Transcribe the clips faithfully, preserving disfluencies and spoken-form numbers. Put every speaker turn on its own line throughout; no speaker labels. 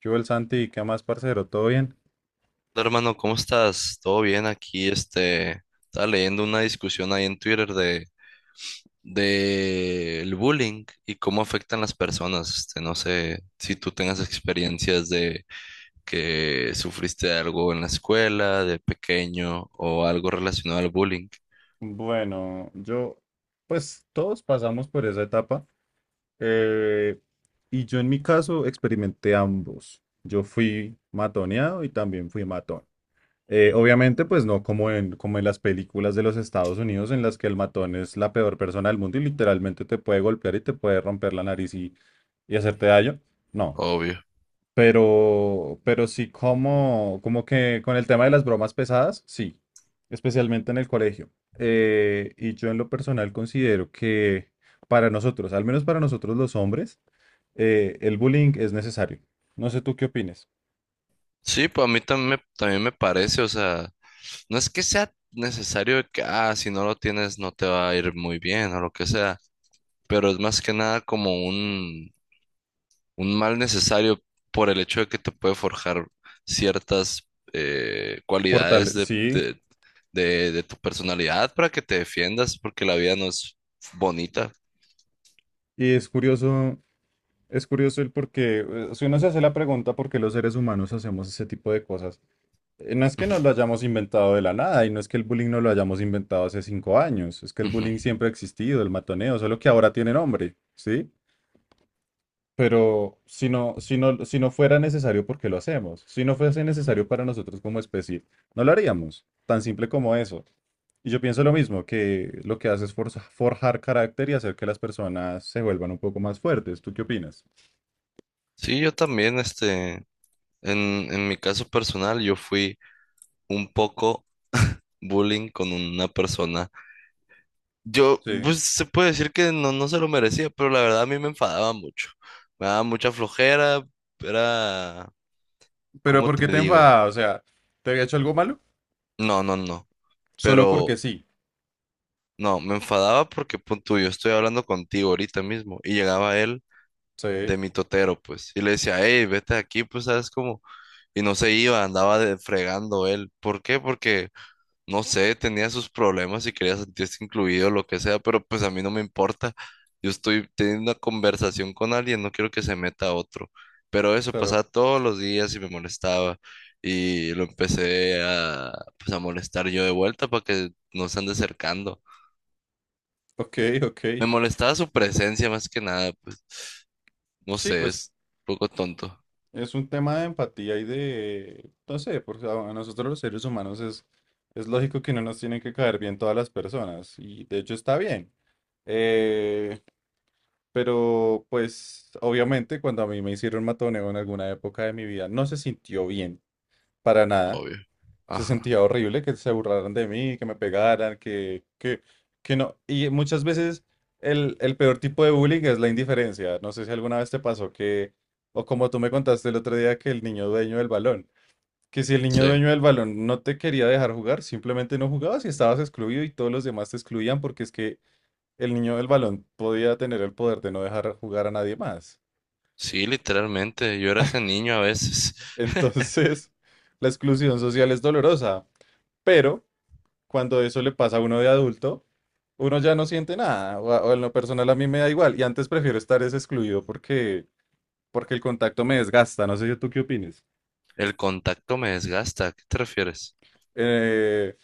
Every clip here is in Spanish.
¿Qué hubo el Santi? ¿Qué más, parcero? ¿Todo bien?
Hola, Hermano, ¿cómo estás? ¿Todo bien aquí? Este, estaba leyendo una discusión ahí en Twitter de, de el bullying y cómo afectan las personas. Este, no sé si tú tengas experiencias de que sufriste algo en la escuela, de pequeño, o algo relacionado al bullying,
Bueno, yo, pues todos pasamos por esa etapa. Eh, y yo en mi caso experimenté ambos. Yo fui matoneado y también fui matón. Eh, obviamente, pues no como en, como en las películas de los Estados Unidos en las que el matón es la peor persona del mundo y literalmente te puede golpear y te puede romper la nariz y, y hacerte daño. No,
obvio.
pero, pero sí como, como que con el tema de las bromas pesadas, sí, especialmente en el colegio. Eh, y yo en lo personal considero que para nosotros, al menos para nosotros los hombres, eh, el bullying es necesario. No sé tú qué opines.
Sí, pues a mí también me, también me parece, o sea, no es que sea necesario de que, ah, si no lo tienes no te va a ir muy bien o lo que sea, pero es más que nada como un un mal necesario por el hecho de que te puede forjar ciertas eh,
Fortale,
cualidades de,
sí.
de- de- de tu personalidad para que te defiendas, porque la vida no es bonita.
Y es curioso, es curioso el por qué, eh, si uno se hace la pregunta por qué los seres humanos hacemos ese tipo de cosas, eh, no es que
Ujú,
nos lo hayamos inventado de la nada y no es que el bullying no lo hayamos inventado hace cinco años, es que el
ujú.
bullying siempre ha existido, el matoneo, solo que ahora tiene nombre, ¿sí? Pero si no, si no, si no fuera necesario, ¿por qué lo hacemos? Si no fuese necesario para nosotros como especie, no lo haríamos. Tan simple como eso. Y yo pienso lo mismo, que lo que hace es forza- forjar carácter y hacer que las personas se vuelvan un poco más fuertes. ¿Tú qué opinas?
Sí, yo también, este, en, en mi caso personal, yo fui un poco bullying con una persona. Yo,
Sí.
pues se puede decir que no, no se lo merecía, pero la verdad a mí me enfadaba mucho. Me daba mucha flojera, era,
Pero
¿cómo
¿por
te
qué te
digo?
enfadas? O sea, ¿te había hecho algo malo?
No, no, no.
Solo
Pero
porque sí.
no, me enfadaba porque, punto, yo estoy hablando contigo ahorita mismo. Y llegaba él
Sí,
de mi totero, pues. Y le decía, hey, vete de aquí, pues, ¿sabes cómo? Y no se iba, andaba de- fregando él. ¿Por qué? Porque, no sé, tenía sus problemas y quería sentirse incluido, lo que sea, pero pues a mí no me importa. Yo estoy teniendo una conversación con alguien, no quiero que se meta otro. Pero eso
claro.
pasaba todos los días y me molestaba. Y lo empecé a, pues, a molestar yo de vuelta para que no se ande acercando.
Ok, ok.
Me molestaba su presencia más que nada, pues no
Sí,
sé,
pues
es un poco tonto,
es un tema de empatía y de, no sé, porque a a nosotros los seres humanos es, es lógico que no nos tienen que caer bien todas las personas. Y de hecho está bien. Eh, Pero pues obviamente cuando a mí me hicieron matoneo en alguna época de mi vida no se sintió bien para nada.
obvio.
Se
Ajá,
sentía horrible que se burlaran de mí, que me pegaran, que, que, que no. Y muchas veces el, el peor tipo de bullying es la indiferencia. No sé si alguna vez te pasó que, o como tú me contaste el otro día, que el niño dueño del balón, que si el niño
sí,
dueño del balón no te quería dejar jugar, simplemente no jugabas y estabas excluido y todos los demás te excluían porque es que el niño del balón podía tener el poder de no dejar jugar a nadie más.
sí, literalmente, yo era ese niño a veces.
Entonces, la exclusión social es dolorosa, pero cuando eso le pasa a uno de adulto, uno ya no siente nada, o, a- o en lo personal a mí me da igual, y antes prefiero estar es excluido porque, porque el contacto me desgasta, no sé yo tú qué opines.
El contacto me desgasta, ¿a qué te refieres?
Eh,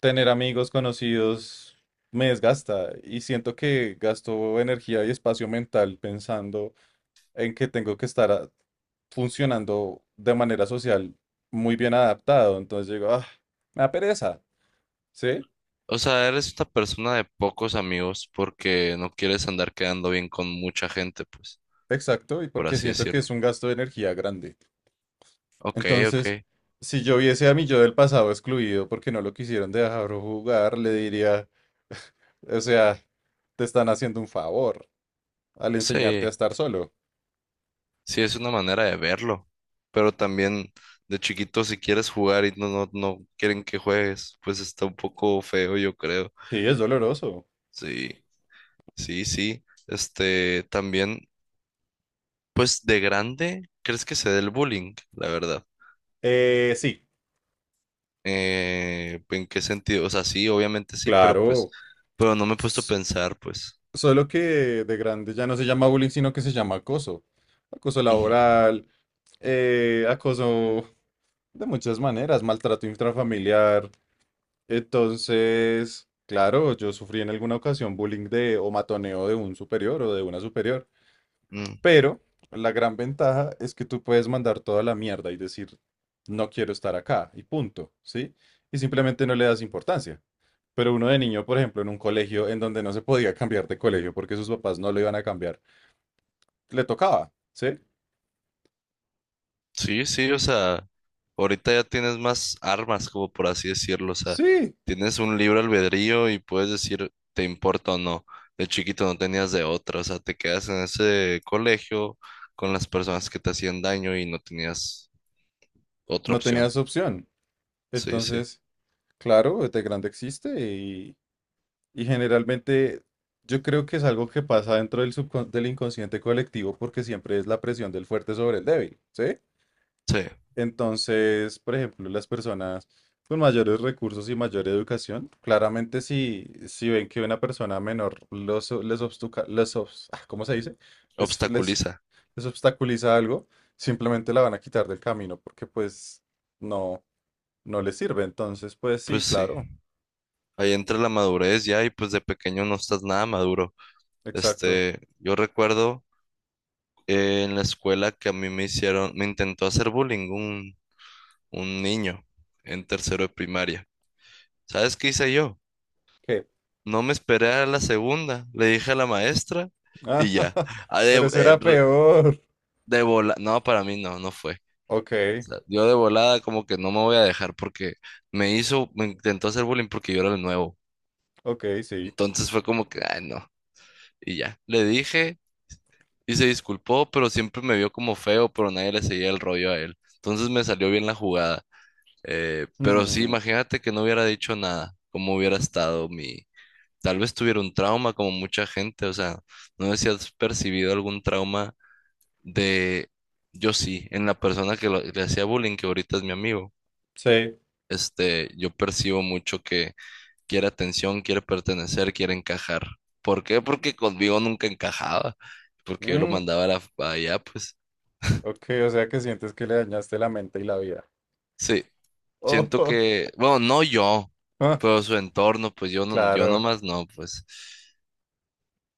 tener amigos conocidos me desgasta y siento que gasto energía y espacio mental pensando en que tengo que estar a- funcionando de manera social muy bien adaptado. Entonces digo, ah, me da pereza. Sí,
O sea, eres una persona de pocos amigos porque no quieres andar quedando bien con mucha gente, pues,
exacto, y
por
porque
así
siento que es
decirlo.
un gasto de energía grande.
Ok,
Entonces,
ok,
si yo viese a mi yo del pasado excluido porque no lo quisieron dejar jugar, le diría, o sea, te están haciendo un favor al enseñarte
sí.
a estar solo.
Sí, es una manera de verlo, pero también de chiquito si quieres jugar y no, no, no quieren que juegues, pues está un poco feo, yo creo.
Sí, es doloroso.
Sí, sí, sí. Este, también, pues de grande, ¿crees que se dé el bullying? La verdad.
Eh, sí,
Eh, ¿en qué sentido? O sea, sí, obviamente sí, pero pues,
claro.
pero no me he puesto a pensar, pues.
Solo que de grande ya no se llama bullying, sino que se llama acoso. Acoso
Ujú.
laboral, eh, acoso de muchas maneras, maltrato intrafamiliar. Entonces, claro, yo sufrí en alguna ocasión bullying de o matoneo de un superior o de una superior,
Mm.
pero la gran ventaja es que tú puedes mandar toda la mierda y decir, no quiero estar acá y punto, ¿sí? Y simplemente no le das importancia. Pero uno de niño, por ejemplo, en un colegio en donde no se podía cambiar de colegio porque sus papás no lo iban a cambiar le tocaba, ¿sí?
Sí, sí, o sea, ahorita ya tienes más armas, como por así decirlo, o sea,
Sí,
tienes un libre albedrío y puedes decir te importa o no. De chiquito no tenías de otra, o sea, te quedas en ese colegio con las personas que te hacían daño y no tenías otra
no
opción.
tenías opción.
Sí, sí,
Entonces, claro, este grande existe y, y generalmente yo creo que es algo que pasa dentro del, subcon- del inconsciente colectivo porque siempre es la presión del fuerte sobre el débil, ¿sí?
sí,
Entonces, por ejemplo, las personas con mayores recursos y mayor educación, claramente si, si ven que una persona menor los, les, obstuca- les obs- ah, ¿cómo se dice? Les, les,
obstaculiza.
les obstaculiza algo, simplemente la van a quitar del camino porque pues no, no les sirve. Entonces, pues sí,
Pues sí,
claro,
ahí entra la madurez ya y pues de pequeño no estás nada maduro.
exacto.
Este, yo recuerdo eh, en la escuela que a mí me hicieron, me intentó hacer bullying un niño en tercero de primaria. ¿Sabes qué hice yo?
¿Qué?
No me esperé a la segunda, le dije a la maestra
Ah,
y ya. Ah, de,
pero eso
eh,
era
re-
peor.
de vola- No, para mí no, no fue.
Ok,
O sea, yo de volada como que no me voy a dejar porque me hizo, me intentó hacer bullying porque yo era el nuevo.
ok, sí.
Entonces fue como que, ay, no. Y ya, le dije y se disculpó, pero siempre me vio como feo, pero nadie le seguía el rollo a él. Entonces me salió bien la jugada. Eh, pero sí,
Mm,
imagínate que no hubiera dicho nada, cómo hubiera estado mi, tal vez tuviera un trauma como mucha gente, o sea, no sé si has percibido algún trauma de, yo sí, en la persona que lo- le hacía bullying, que ahorita es mi amigo,
sí.
este, yo percibo mucho que quiere atención, quiere pertenecer, quiere encajar. ¿Por qué? Porque conmigo nunca encajaba, porque yo lo
Mm,
mandaba a la- a allá, pues,
ok, o sea que sientes que le dañaste la mente y la vida.
sí, siento
Oh,
que, bueno, no yo,
ah,
pero su entorno, pues yo no, yo
claro,
nomás no, pues.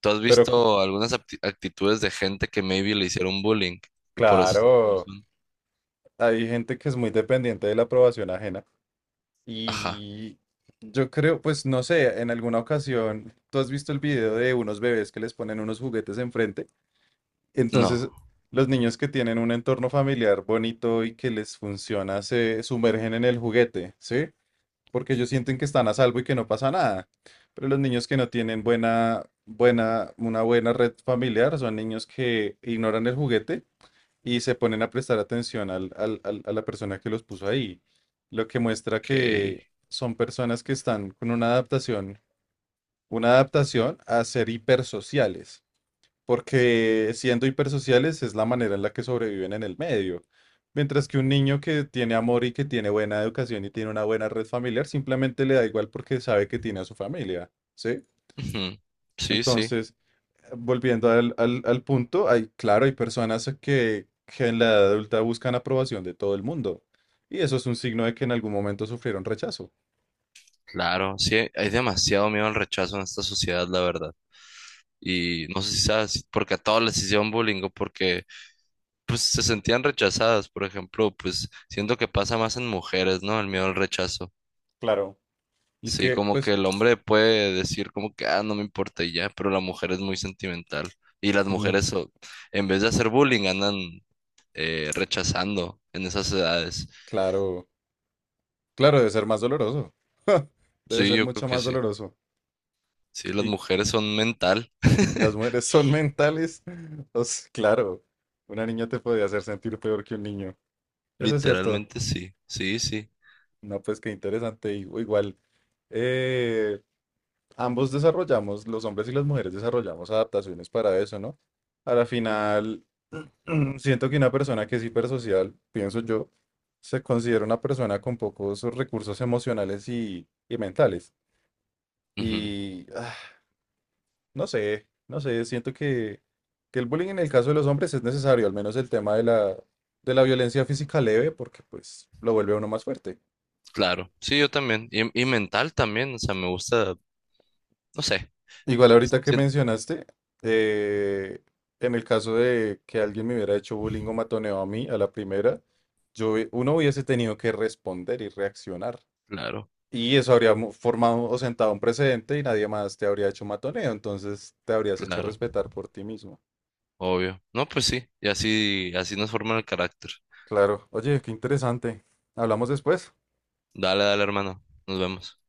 ¿Tú has
pero co-
visto algunas apti- actitudes de gente que maybe le hicieron bullying y por eso son como
claro,
son?
hay gente que es muy dependiente de la aprobación ajena
Ajá,
y yo creo, pues no sé, en alguna ocasión, tú has visto el video de unos bebés que les ponen unos juguetes enfrente,
no.
entonces los niños que tienen un entorno familiar bonito y que les funciona se sumergen en el juguete, ¿sí? Porque ellos sienten que están a salvo y que no pasa nada. Pero los niños que no tienen buena, buena, una buena red familiar son niños que ignoran el juguete y se ponen a prestar atención al- al- al- a la persona que los puso ahí. Lo que muestra
Ok.
que son personas que están con una adaptación, una adaptación a ser hipersociales porque siendo hipersociales es la manera en la que sobreviven en el medio. Mientras que un niño que tiene amor y que tiene buena educación y tiene una buena red familiar, simplemente le da igual porque sabe que tiene a su familia, ¿sí?
Ujú. Sí, sí,
Entonces, volviendo al, al- al punto, hay, claro, hay personas que, que en la edad adulta buscan aprobación de todo el mundo. Y eso es un signo de que en algún momento sufrieron rechazo.
claro. Sí, hay demasiado miedo al rechazo en esta sociedad, la verdad. Y no sé si sabes, si porque a todos les hicieron bullying o porque pues se sentían rechazadas, por ejemplo, pues siento que pasa más en mujeres, ¿no? El miedo al rechazo.
Claro. Y es
Sí,
que,
como que
pues,
el hombre puede decir como que, ah, no me importa y ya, pero la mujer es muy sentimental. Y las
mm,
mujeres, o- en vez de hacer bullying, andan eh, rechazando en esas edades.
claro, claro, debe ser más doloroso. Debe
Sí,
ser
yo creo
mucho
que
más
sí.
doloroso.
Sí, las
y
mujeres son mental.
Las mujeres son mentales. O sea, claro, una niña te podía hacer sentir peor que un niño. Eso es cierto.
Literalmente sí, sí, sí.
No, pues qué interesante. y- Igual, eh, ambos desarrollamos, los hombres y las mujeres desarrollamos adaptaciones para eso, ¿no? A la final, siento que una persona que es hipersocial, pienso yo, se considera una persona con pocos recursos emocionales y, y mentales.
Ujú,
Y ah, No sé, no sé, siento que, que el bullying en el caso de los hombres es necesario, al menos el tema de la, de la violencia física leve, porque pues lo vuelve a uno más fuerte.
claro, sí, yo también. Y, y mental también, o sea, me gusta, no sé.
Igual ahorita que
sien-
mencionaste, eh, en el caso de que alguien me hubiera hecho bullying o matoneo a mí a la primera, yo, hubie- uno hubiese tenido que responder y reaccionar.
Claro,
Y eso habría mo- formado o sentado un precedente y nadie más te habría hecho matoneo, entonces te habrías hecho
claro,
respetar por ti mismo.
obvio. No, pues sí, y así, así nos forman el carácter.
Claro, oye, qué interesante. Hablamos después.
Dale, dale, hermano. Nos vemos.